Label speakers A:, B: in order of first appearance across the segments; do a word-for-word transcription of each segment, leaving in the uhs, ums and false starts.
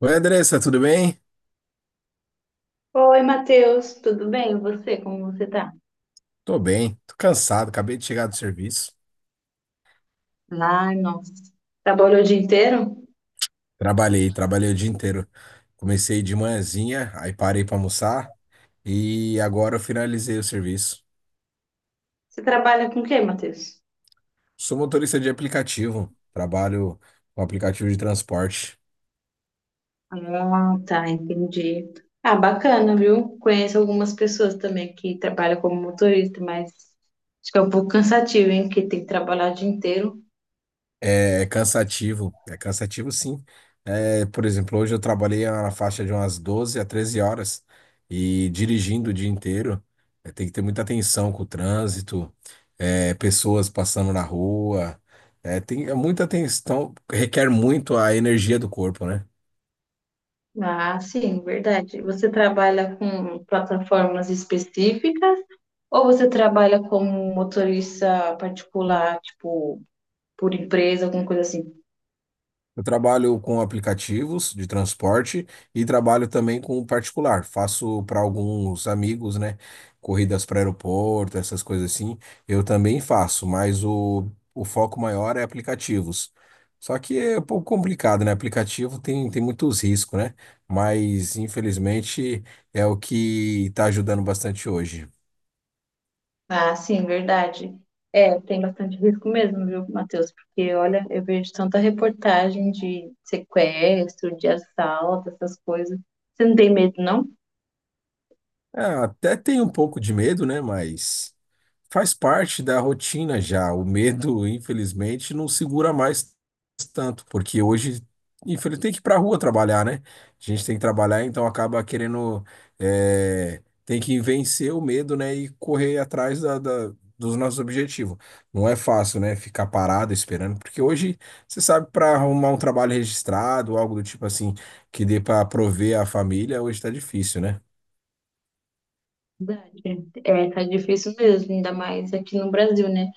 A: Oi, Andressa, tudo bem?
B: Oi, Matheus, tudo bem? E você, como você tá?
A: Tô bem, tô cansado, acabei de chegar do serviço.
B: Ai, nossa. Trabalhou o dia inteiro?
A: Trabalhei, trabalhei o dia inteiro. Comecei de manhãzinha, aí parei pra almoçar e agora eu finalizei o serviço.
B: Você trabalha com o quê, Matheus?
A: Sou motorista de aplicativo, trabalho com aplicativo de transporte.
B: Ah, tá, entendi. Ah, bacana, viu? Conheço algumas pessoas também que trabalham como motorista, mas acho que é um pouco cansativo, hein? Porque tem que trabalhar o dia inteiro.
A: É é cansativo, é cansativo sim. É, por exemplo, hoje eu trabalhei na faixa de umas doze a treze horas e dirigindo o dia inteiro, é, tem que ter muita atenção com o trânsito, é, pessoas passando na rua, é, tem é muita atenção, requer muito a energia do corpo, né?
B: Ah, sim, verdade. Você trabalha com plataformas específicas ou você trabalha como motorista particular, tipo, por empresa, alguma coisa assim?
A: Eu trabalho com aplicativos de transporte e trabalho também com particular. Faço para alguns amigos, né? Corridas para aeroporto, essas coisas assim. Eu também faço, mas o, o foco maior é aplicativos. Só que é um pouco complicado, né? Aplicativo tem, tem muitos riscos, né? Mas infelizmente é o que está ajudando bastante hoje.
B: Ah, sim, verdade. É, tem bastante risco mesmo, viu, Matheus? Porque, olha, eu vejo tanta reportagem de sequestro, de assalto, essas coisas. Você não tem medo, não?
A: É, até tem um pouco de medo, né? Mas. Faz parte da rotina já. O medo, infelizmente, não segura mais tanto, porque hoje, infelizmente, tem que ir pra rua trabalhar, né? A gente tem que trabalhar, então acaba querendo, é, tem que vencer o medo, né? E correr atrás da, da- dos nossos objetivos. Não é fácil, né? Ficar parado esperando, porque hoje, você sabe, para arrumar um trabalho registrado, algo do tipo assim, que dê para prover a família, hoje tá difícil, né?
B: Verdade. É, tá difícil mesmo, ainda mais aqui no Brasil, né?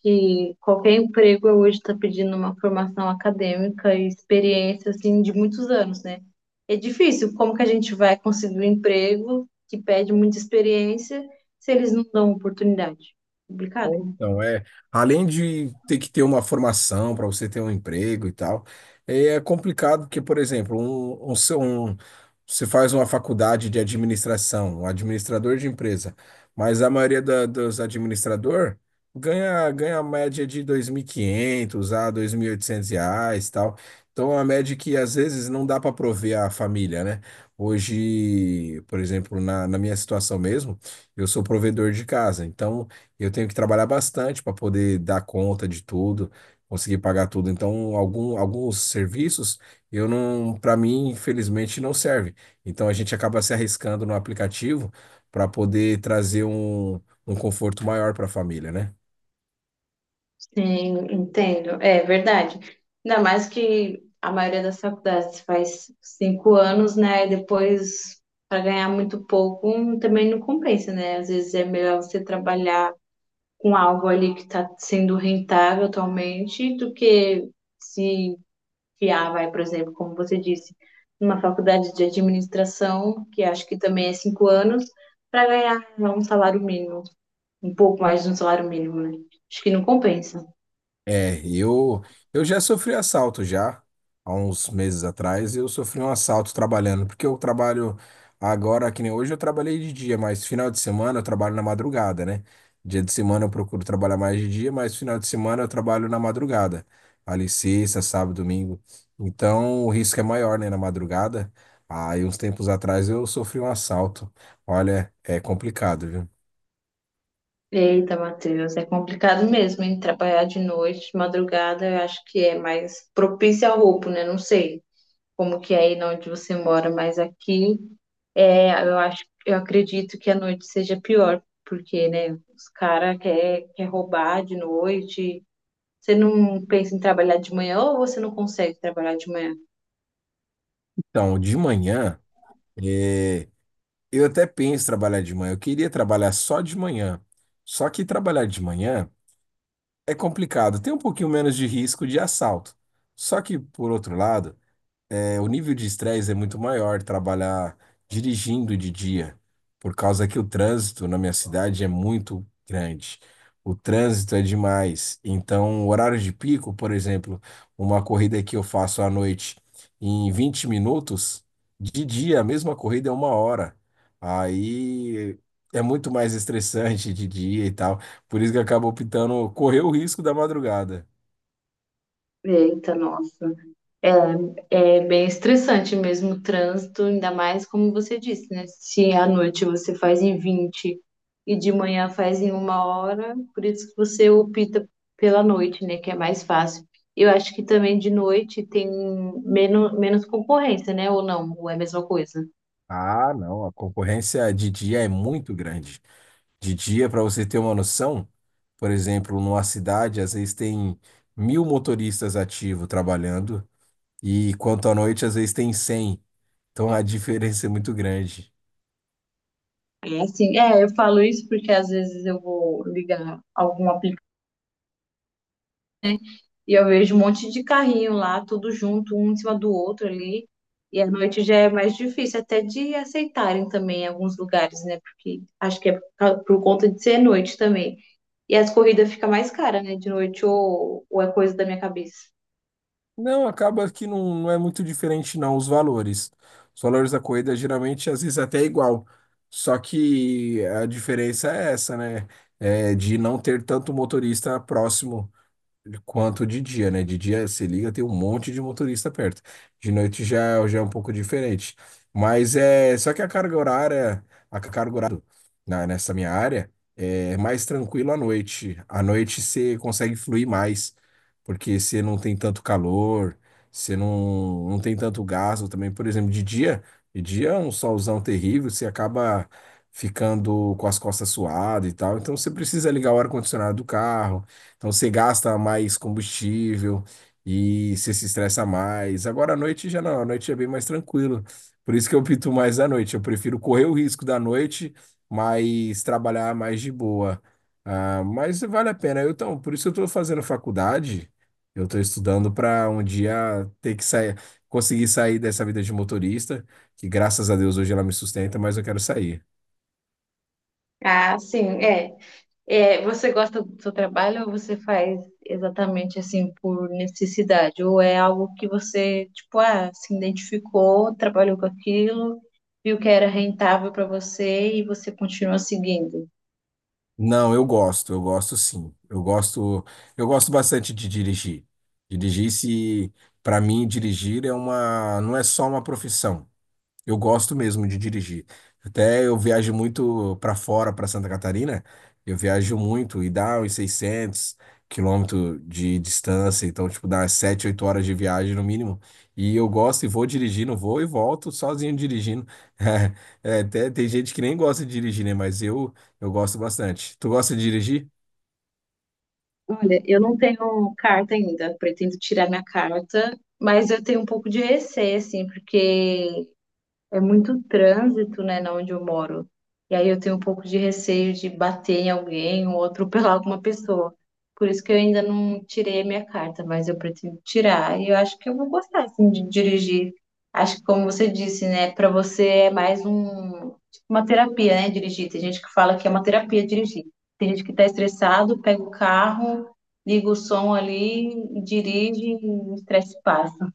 B: Que qualquer emprego hoje está pedindo uma formação acadêmica e experiência, assim, de muitos anos, né? É difícil. Como que a gente vai conseguir um emprego que pede muita experiência se eles não dão oportunidade? Complicado,
A: É,
B: né?
A: Então, é, além de ter que ter uma formação para você ter um emprego e tal, é é complicado porque, por exemplo, um, um, seu- um- você faz uma faculdade de administração, um administrador de empresa, mas a maioria da- dos administrador ganha, ganha a média de dois mil e quinhentos a dois mil e oitocentos reais e tal. Então, é uma média que às vezes não dá para prover a família, né? Hoje, por exemplo, na, na minha situação mesmo, eu sou provedor de casa, então. Eu tenho que trabalhar bastante para poder dar conta de tudo, conseguir pagar tudo. Então, algum, alguns serviços eu não, para mim, infelizmente, não serve. Então, a gente acaba se arriscando no aplicativo para poder trazer um, um conforto maior para a família, né?
B: Sim, entendo. É verdade. Ainda mais que a maioria das faculdades faz cinco anos, né? E depois, para ganhar muito pouco, hum, também não compensa, né? Às vezes é melhor você trabalhar com algo ali que está sendo rentável atualmente do que se fiar, vai, por exemplo, como você disse, numa faculdade de administração, que acho que também é cinco anos, para ganhar um salário mínimo, um pouco mais de um salário mínimo, né? Acho que não compensa.
A: É, eu, eu já sofri assalto já, há uns meses atrás, eu sofri um assalto trabalhando, porque eu trabalho agora, que nem hoje eu trabalhei de dia, mas final de semana eu trabalho na madrugada, né? Dia de semana eu procuro trabalhar mais de dia, mas final de semana eu trabalho na madrugada, ali sexta, sábado, domingo. Então o risco é maior, né, na madrugada. Aí uns tempos atrás eu sofri um assalto. Olha, é complicado, viu?
B: Eita, Matheus, é complicado mesmo, hein? Trabalhar de noite, de madrugada, eu acho que é mais propício ao roubo, né? Não sei como que é aí na onde você mora, mas aqui é, eu acho, eu acredito que a noite seja pior, porque, né, os caras quer, quer roubar de noite. Você não pensa em trabalhar de manhã ou você não consegue trabalhar de manhã?
A: Então, de manhã. eh, Eu até penso em trabalhar de manhã. Eu queria trabalhar só de manhã. Só que trabalhar de manhã é complicado. Tem um pouquinho menos de risco de assalto. Só que, por outro lado, é, O nível de estresse é muito maior trabalhar dirigindo de dia, por causa que o trânsito na minha cidade é muito grande. O trânsito é demais. Então, o horário de pico, por exemplo, uma corrida que eu faço à noite em vinte minutos, de dia a mesma corrida é uma hora. Aí é muito mais estressante de dia e tal. Por isso que eu acabo optando correr o risco da madrugada.
B: Eita, nossa. É, é bem estressante mesmo o trânsito, ainda mais como você disse, né? Se à noite você faz em vinte e de manhã faz em uma hora, por isso que você opta pela noite, né? Que é mais fácil. Eu acho que também de noite tem menos, menos concorrência, né? Ou não, ou é a mesma coisa.
A: Ah, não, a concorrência de dia é muito grande. De dia, para você ter uma noção, por exemplo, numa cidade, às vezes tem mil motoristas ativos trabalhando, e quanto à noite, às vezes tem cem. Então a diferença é muito grande.
B: É assim, é, eu falo isso porque às vezes eu vou ligar algum aplicativo e eu vejo um monte de carrinho lá, tudo junto, um em cima do outro ali. E à noite já é mais difícil até de aceitarem também em alguns lugares, né? Porque acho que é por causa- por conta de ser noite também. E as corridas ficam mais caras, né? De noite, ou, ou é coisa da minha cabeça.
A: Não, acaba que não, não é muito diferente, não, os valores. Os valores da corrida geralmente, às vezes, até é igual. Só que a diferença é essa, né? É de não ter tanto motorista próximo quanto de dia, né? De dia se liga, tem um monte de motorista perto. De noite já, já é um pouco diferente. Mas é só que a carga horária, a carga horária na, nessa minha área é mais tranquilo à noite. À noite você consegue fluir mais, porque você não tem tanto calor, você não, não tem tanto gasto também. Por exemplo, de dia, de dia é um solzão terrível, você acaba ficando com as costas suadas e tal. Então você precisa ligar o ar-condicionado do carro, então você gasta mais combustível e você se estressa mais. Agora à noite já não, à noite é bem mais tranquilo. Por isso que eu pinto mais à noite. Eu prefiro correr o risco da noite, mas trabalhar mais de boa. Ah, mas vale a pena. Eu, então, por isso eu estou fazendo faculdade. Eu estou estudando para um dia ter que sair, conseguir sair dessa vida de motorista, que graças a Deus hoje ela me sustenta, mas eu quero sair.
B: Ah, sim, é. É, você gosta do seu trabalho ou você faz exatamente assim por necessidade? Ou é algo que você, tipo, ah, se identificou, trabalhou com aquilo, viu que era rentável para você e você continua seguindo?
A: Não, eu gosto, eu gosto sim. Eu gosto, eu gosto bastante de dirigir. Dirigir se, para mim, dirigir é uma, não é só uma profissão. Eu gosto mesmo de dirigir. Até eu viajo muito para fora, para Santa Catarina. Eu viajo muito e dá uns seiscentos quilômetros de distância. Então, tipo, dá umas sete, oito horas de viagem no mínimo. E eu gosto e vou dirigindo, vou e volto sozinho dirigindo. É, até tem gente que nem gosta de dirigir, né? Mas eu, eu gosto bastante. Tu gosta de dirigir?
B: Olha, eu não tenho carta ainda, pretendo tirar minha carta, mas eu tenho um pouco de receio, assim, porque é muito trânsito, né, na onde eu moro. E aí eu tenho um pouco de receio de bater em alguém ou atropelar alguma pessoa. Por isso que eu ainda não tirei a minha carta, mas eu pretendo tirar. E eu acho que eu vou gostar, assim, de dirigir. Acho que, como você disse, né, para você é mais um, tipo, uma terapia, né, dirigir. Tem gente que fala que é uma terapia dirigir. Tem gente que tá estressado, pega o carro, liga o som ali, dirige e o estresse passa.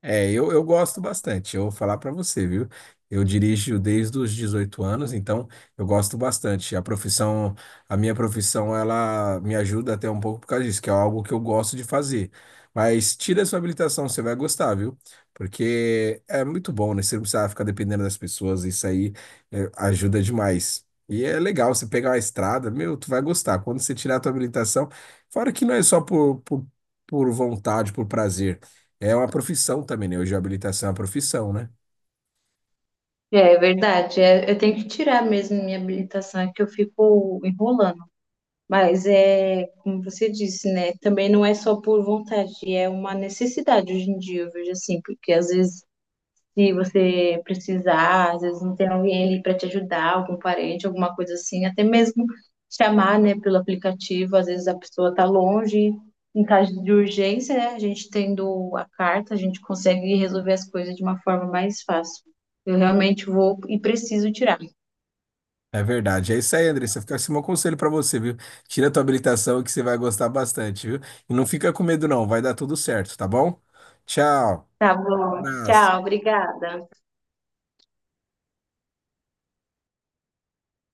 A: É, eu, eu gosto bastante. Eu vou falar para você, viu? Eu dirijo desde os dezoito anos, então eu gosto bastante. A profissão, a minha profissão, ela me ajuda até um pouco por causa disso, que é algo que eu gosto de fazer. Mas tira a sua habilitação, você vai gostar, viu? Porque é muito bom, né? Você não precisa ficar dependendo das pessoas, isso aí é, ajuda demais. E é legal você pegar uma estrada, meu, tu vai gostar. Quando você tirar a tua habilitação, fora que não é só por, por, por vontade, por prazer. É uma profissão também, né? Hoje a habilitação é uma profissão, né?
B: É é verdade, é, eu tenho que tirar mesmo minha habilitação, é que eu fico enrolando. Mas é, como você disse, né? Também não é só por vontade, é uma necessidade hoje em dia, eu vejo assim, porque às vezes se você precisar, às vezes não tem alguém ali para te ajudar, algum parente, alguma coisa assim, até mesmo chamar, né, pelo aplicativo, às vezes a pessoa está longe, em caso de urgência, né, a gente tendo a carta, a gente consegue resolver as coisas de uma forma mais fácil. Eu realmente vou e preciso tirar.
A: É verdade. É isso aí, Andressa. Fica assim, meu conselho pra você, viu? Tira a tua habilitação que você vai gostar bastante, viu? E não fica com medo, não. Vai dar tudo certo, tá bom? Tchau.
B: Tá bom, tchau,
A: Abraço.
B: obrigada.